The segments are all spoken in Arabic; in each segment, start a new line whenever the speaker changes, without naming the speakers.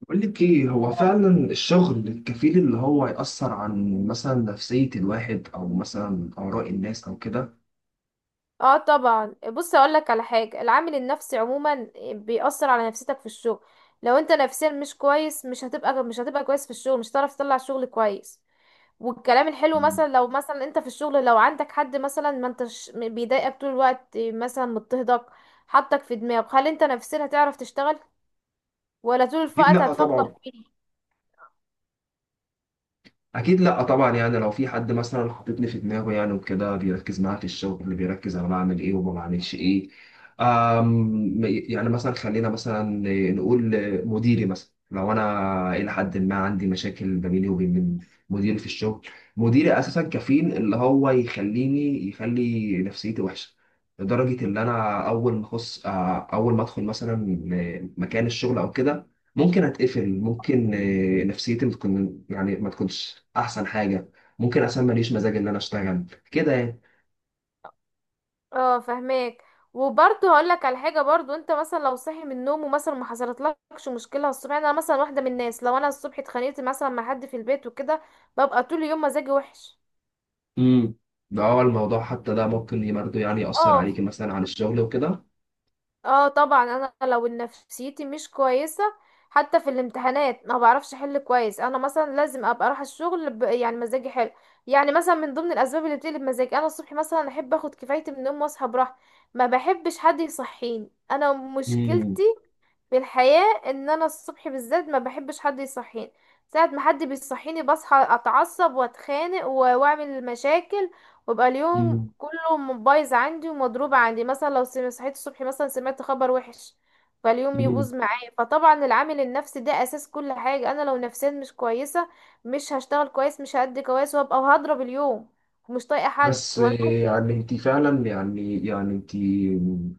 بقول لك ايه هو فعلا الشغل الكفيل اللي هو يأثر عن مثلا نفسية الواحد او مثلا آراء الناس او كده؟
اه طبعا، بص اقول لك على حاجه. العامل النفسي عموما بيأثر على نفسيتك في الشغل. لو انت نفسيا مش كويس، مش هتبقى كويس في الشغل، مش هتعرف تطلع شغل كويس. والكلام الحلو، مثلا لو مثلا انت في الشغل، لو عندك حد مثلا، ما انتش بيضايقك طول الوقت، مثلا مضطهدك، حطك في دماغك، هل انت نفسيا هتعرف تشتغل، ولا طول
أكيد
الوقت
لا
هتفكر؟
طبعا. اكيد لا طبعا، يعني لو في حد مثلا حاططني في دماغه يعني وكده بيركز معايا في الشغل، اللي بيركز انا بعمل ايه وما بعملش ايه. يعني مثلا خلينا مثلا نقول مديري، مثلا لو انا الى حد ما عندي مشاكل ما بيني وبين مديري في الشغل، مديري اساسا كفيل اللي هو يخليني، يخلي نفسيتي وحشه لدرجه ان انا اول ما اخص آه، اول ما ادخل مثلا مكان الشغل او كده ممكن اتقفل، ممكن نفسيتي بتكون يعني ما تكونش احسن حاجه، ممكن اصلا ماليش مزاج ان انا اشتغل كده يعني.
اه، فهماك. وبرضه هقول لك على حاجه، برضه انت مثلا لو صاحي من النوم ومثلا ما حصلتلكش مشكله الصبح. يعني انا مثلا واحده من الناس، لو انا الصبح اتخانقت مثلا مع حد في البيت وكده، ببقى طول اليوم مزاجي وحش.
امم ده هو الموضوع، حتى ده ممكن برضه يعني يأثر
اه،
عليكي مثلا على الشغل وكده.
اه طبعا، انا لو نفسيتي مش كويسه، حتى في الامتحانات ما بعرفش احل كويس. انا مثلا لازم ابقى اروح الشغل يعني مزاجي حلو. يعني مثلا من ضمن الاسباب اللي بتقلب مزاجي، انا الصبح مثلا احب اخد كفايتي من النوم واصحى براحتي. ما بحبش حد يصحيني، انا مشكلتي في الحياة ان انا الصبح بالذات ما بحبش حد يصحيني. ساعة ما حد بيصحيني بصحى اتعصب واتخانق واعمل مشاكل، ويبقى اليوم
امم
كله بايظ عندي ومضروب عندي. مثلا لو صحيت الصبح مثلا سمعت خبر وحش، فاليوم يبوظ معايا. فطبعا العامل النفسي ده اساس كل حاجة. انا لو نفسيا مش كويسة، مش هشتغل كويس، مش هأدي كويس، وهبقى وهضرب اليوم، ومش طايقة حد.
بس
وانا
يعني انت فعلا، يعني انت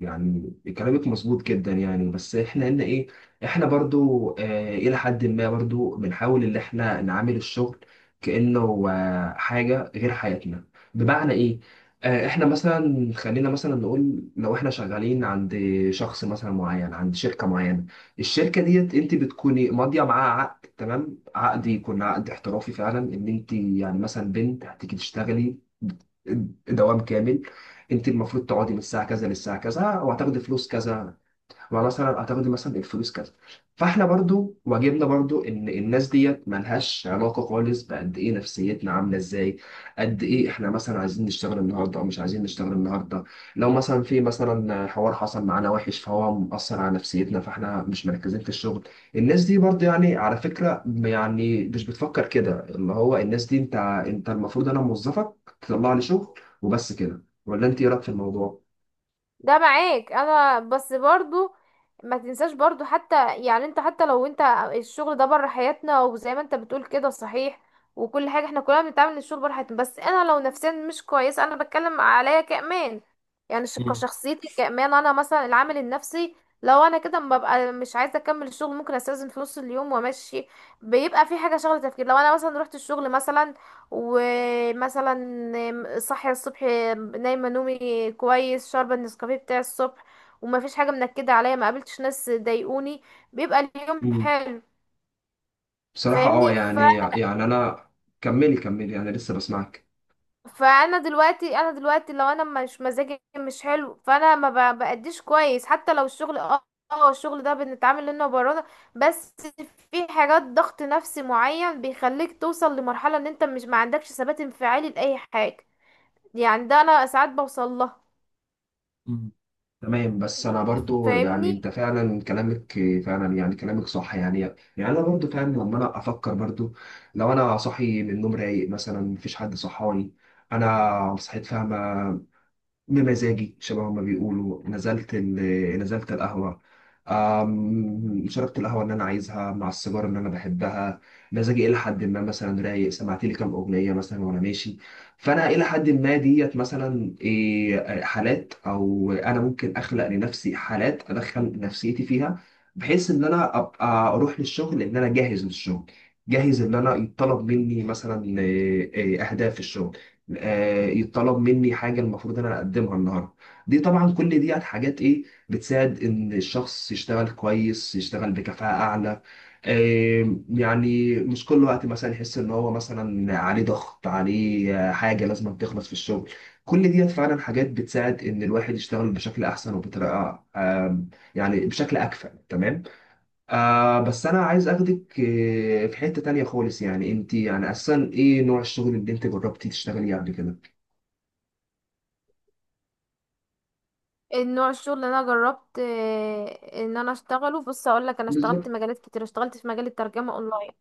يعني كلامك مظبوط جدا يعني، بس احنا هنا ايه، احنا برضو الى حد ما برضو بنحاول ان احنا نعامل الشغل كأنه حاجة غير حياتنا. بمعنى ايه؟ اه احنا مثلا خلينا مثلا نقول لو احنا شغالين عند شخص مثلا معين، عند شركة معينة، الشركة ديت انت بتكوني ماضية معاها عقد، تمام. عقد يكون عقد احترافي فعلا ان انت يعني مثلا بنت هتيجي تشتغلي دوام كامل، انت المفروض تقعدي من الساعه كذا للساعه كذا وهتاخدي فلوس كذا، ما مثلا هتاخدي مثلا الفلوس كذا. فاحنا برضو واجبنا برضو ان الناس ديت ملهاش علاقه خالص بقد ايه نفسيتنا عامله ازاي، قد ايه احنا مثلا عايزين نشتغل النهارده او مش عايزين نشتغل النهارده. لو مثلا في مثلا حوار حصل معانا وحش فهو مأثر على نفسيتنا فاحنا مش مركزين في الشغل، الناس دي برضو يعني على فكره يعني مش بتفكر كده، اللي هو الناس دي انت المفروض انا موظفك تطلع لي شغل وبس كده. ولا انت ايه رايك في الموضوع؟
ده معاك، انا بس برضو ما تنساش برضو. حتى يعني انت، حتى لو انت الشغل ده بره حياتنا، وزي ما انت بتقول كده، صحيح. وكل حاجة احنا كلنا بنتعامل إن الشغل بره حياتنا، بس انا لو نفسيا مش كويسة، انا بتكلم عليا كأمان، يعني كشخصيتي كأمان. انا مثلا العامل النفسي، لو انا كده ما ببقى مش عايزة اكمل الشغل، ممكن استأذن في نص اليوم وامشي. بيبقى في حاجة شغلة تفكير. لو انا مثلا رحت الشغل مثلا، ومثلا صاحية الصبح، نايمة نومي كويس، شاربة النسكافيه بتاع الصبح، وما فيش حاجة منكدة عليا، ما قابلتش ناس ضايقوني، بيبقى اليوم
مم.
حلو.
بصراحة
فاهمني.
يعني انا. كملي كملي انا لسه بسمعك.
فانا دلوقتي، انا دلوقتي لو انا مش، مزاجي مش حلو، فانا ما ب- بأديش كويس. حتى لو الشغل، اه اه الشغل ده بنتعامل انه برا، بس في حاجات ضغط نفسي معين بيخليك توصل لمرحلة ان انت مش، ما عندكش ثبات انفعالي لأي حاجة. يعني ده انا ساعات بوصل لها.
مم. تمام، بس انا برضو يعني
فاهمني.
انت فعلا كلامك فعلا يعني كلامك صح يعني انا برضو فعلا لما انا افكر برضو، لو انا صاحي من النوم رايق مثلا مفيش حد صحاني انا صحيت فاهمة، بمزاجي شبه ما بيقولوا نزلت القهوة، شربت القهوة اللي أنا عايزها مع السيجارة اللي أنا بحبها، مزاجي إلى حد ما مثلا رايق، سمعت لي كام أغنية مثلا وأنا ماشي، فأنا إلى حد ما ديت مثلا حالات، أو أنا ممكن أخلق لنفسي حالات أدخل نفسيتي فيها بحيث إن أنا أبقى أروح للشغل، إن أنا جاهز للشغل، جاهز إن أنا يطلب مني مثلا إيه، إيه، أهداف في الشغل، يتطلب مني حاجه المفروض ان انا اقدمها النهارده. دي طبعا كل دي حاجات ايه بتساعد ان الشخص يشتغل كويس، يشتغل بكفاءه اعلى، يعني مش كل وقت مثلا يحس ان هو مثلا عليه ضغط، عليه حاجه لازم تخلص في الشغل. كل ديت فعلا حاجات بتساعد ان الواحد يشتغل بشكل احسن وبطريقه يعني بشكل اكفأ تمام. بس انا عايز اخدك في حتة تانية خالص. يعني انت يعني اصلا ايه نوع الشغل اللي انت جربتي تشتغلي قبل كده؟
النوع الشغل اللي انا جربت، ان انا اشتغله، بص اقول لك، انا اشتغلت
بالظبط.
مجالات كتير. اشتغلت في مجال الترجمة اونلاين،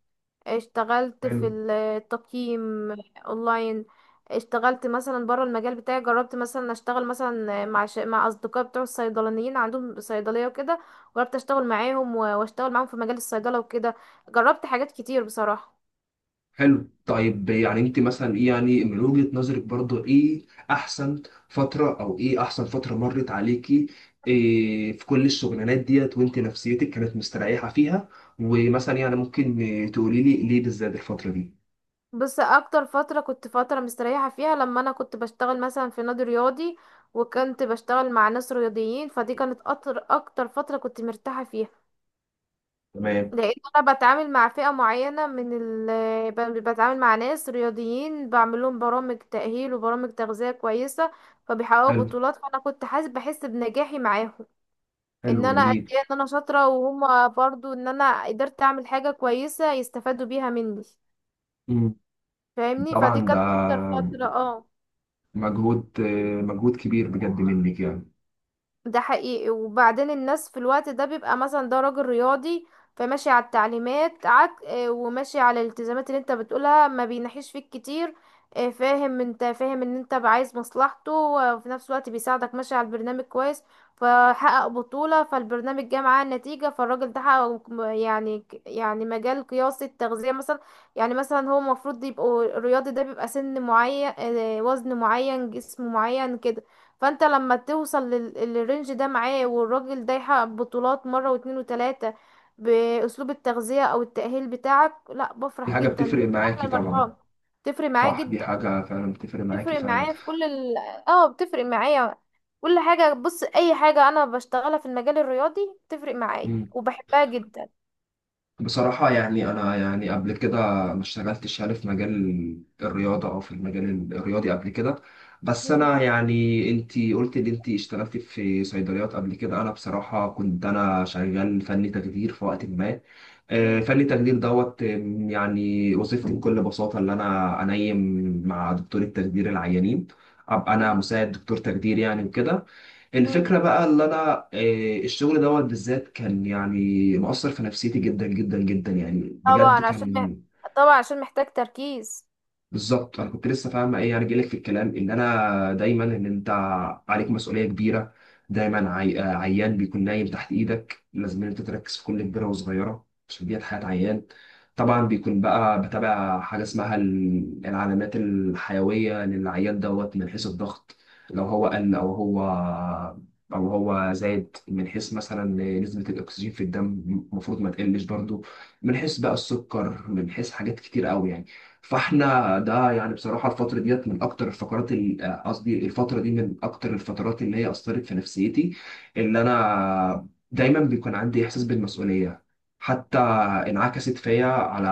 اشتغلت
حلو.
في التقييم اونلاين. اشتغلت مثلا بره المجال بتاعي، جربت مثلا اشتغل مثلا مع مع اصدقاء بتوع الصيدلانيين، عندهم صيدليه وكده. جربت اشتغل معاهم واشتغل معاهم في مجال الصيدله وكده. جربت حاجات كتير بصراحه.
حلو. طيب يعني انت مثلا ايه، يعني من وجهة نظرك برضو ايه احسن فترة، او ايه احسن فترة مرت عليكي إيه في كل الشغلانات ديت وانت نفسيتك كانت مستريحة فيها، ومثلا يعني ممكن تقولي لي ليه بالذات الفترة دي؟
بص اكتر فترة كنت فترة مستريحة فيها، لما انا كنت بشتغل مثلا في نادي رياضي، وكنت بشتغل مع ناس رياضيين. فدي كانت اكتر فترة كنت مرتاحة فيها.
تمام.
لان انا بتعامل مع فئة معينة من بتعامل مع ناس رياضيين، بعمل لهم برامج تأهيل وبرامج تغذية كويسة، فبيحققوا
حلو.
بطولات. فانا كنت بحس بنجاحي معاهم،
حلو
ان انا قد
جميل.
ايه ان انا شاطرة، وهما برضو ان انا قدرت اعمل حاجة كويسة يستفادوا بيها مني.
مم.
فاهمني.
طبعا
فدي
ده
كانت اكتر فترة، اه.
مجهود كبير بجد منك يعني.
ده حقيقي. وبعدين الناس في الوقت ده بيبقى مثلا ده راجل رياضي، فماشي على التعليمات، عك آه، وماشي على الالتزامات اللي انت بتقولها، ما بينحيش فيك كتير. فاهم، انت فاهم ان انت عايز مصلحته، وفي نفس الوقت بيساعدك، ماشي على البرنامج كويس، فحقق بطولة. فالبرنامج جه معاه النتيجة، فالراجل ده حقق يعني يعني مجال قياسي، التغذية مثلا. يعني مثلا هو المفروض يبقوا الرياضي ده بيبقى سن معين، وزن معين، جسم معين كده. فانت لما توصل للرينج ده معاه، والراجل ده يحقق بطولات مرة واتنين وتلاتة بأسلوب التغذية او التأهيل بتاعك، لا
دي
بفرح
حاجة
جدا، دي
بتفرق
احلى
معاكي طبعا.
المرحلة. تفرق معايا
صح، دي
جدا.
حاجة فعلا بتفرق معاكي
تفرق
فعلا.
معايا في كل اه بتفرق معايا كل حاجة. بص اي حاجة انا بشتغلها في المجال الرياضي بتفرق معايا وبحبها جدا.
بصراحة يعني أنا يعني قبل كده ما اشتغلتش يعني في مجال الرياضة أو في المجال الرياضي قبل كده، بس
مم.
أنا يعني أنتي قلت إن أنتي اشتغلتي في صيدليات قبل كده. أنا بصراحة كنت أنا شغال فني تخدير في وقت ما،
مم.
فني التخدير دوت يعني وظيفتي بكل بساطة اللي أنا أنيم مع دكتور التخدير العيانين، أبقى أنا
مم.
مساعد دكتور تخدير يعني وكده.
مم.
الفكرة بقى اللي أنا آه، الشغل دوت بالذات كان يعني مؤثر في نفسيتي جدا جدا جدا يعني بجد
طبعا عشان
كان.
طبعا عشان محتاج تركيز.
بالظبط، انا كنت لسه فاهم ايه يعني جايلك في الكلام ان انا دايما ان انت عليك مسؤوليه كبيره. دايما عي... آه، عيان بيكون نايم تحت ايدك، لازم إن انت تركز في كل كبيره وصغيره عشان ديت حياه عيان. طبعا بيكون بقى بتابع حاجه اسمها العلامات الحيويه للعيان دوت، من حيث الضغط لو هو قل او هو، زاد، من حيث مثلا نسبه الاكسجين في الدم المفروض ما تقلش برضو، من حيث بقى السكر، من حيث حاجات كتير قوي يعني. فاحنا ده يعني بصراحه الفتره ديت من اكتر الفقرات، ال- آه، قصدي الفتره دي من اكتر الفترات اللي هي اثرت في نفسيتي، اللي انا دايما بيكون عندي احساس بالمسؤوليه، حتى انعكست فيا على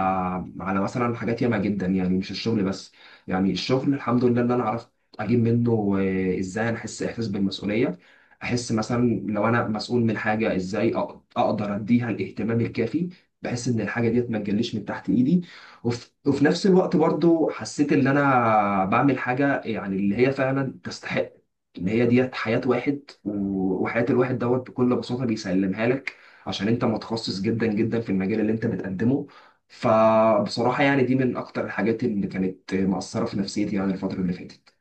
مثلا حاجات ياما جدا يعني، مش الشغل بس. يعني الشغل الحمد لله اللي انا عرفت اجيب منه ازاي انا احس احساس بالمسؤوليه، احس مثلا لو انا مسؤول من حاجه ازاي اقدر اديها الاهتمام الكافي بحيث ان الحاجه ديت ما تجليش من تحت ايدي. وفي نفس الوقت برضو حسيت ان انا بعمل حاجه يعني اللي هي فعلا تستحق ان هي ديت حياه واحد، وحياه الواحد دوت بكل بساطه بيسلمها لك عشان انت متخصص جدا جدا في المجال اللي انت بتقدمه. فبصراحه يعني دي من اكتر الحاجات اللي كانت مأثره في نفسيتي يعني الفتره اللي فاتت.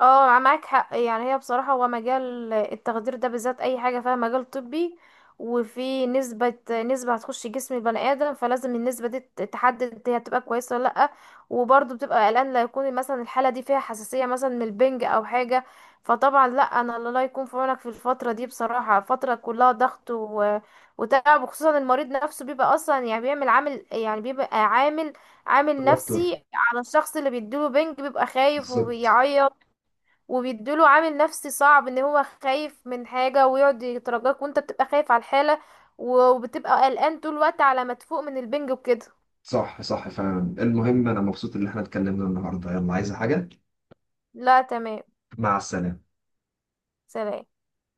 اه معاك حق. يعني هي بصراحة، هو مجال التخدير ده بالذات، اي حاجة فيها مجال طبي وفي نسبة، نسبة هتخش جسم البني ادم، فلازم النسبة دي تحدد هي هتبقى كويسة ولا لأ. وبرضه بتبقى قلقان لا يكون مثلا الحالة دي فيها حساسية مثلا من البنج او حاجة. فطبعا لأ، انا الله يكون في عونك في الفترة دي بصراحة، فترة كلها ضغط وتعب. وخصوصا المريض نفسه بيبقى اصلا يعني بيعمل عامل، يعني بيبقى عامل، عامل
توتر.
نفسي على الشخص اللي بيديله بنج، بيبقى خايف
بالظبط.
وبيعيط، وبيديله عامل نفسي صعب ان هو خايف من حاجة ويقعد يترجاك، وانت بتبقى خايف على الحالة، وبتبقى قلقان طول الوقت على ما تفوق من البنج وكده.
صح، صح فعلا. المهم انا مبسوط ان احنا اتكلمنا النهارده. يلا عايزه حاجه؟
لا تمام.
مع السلامه.
سلام.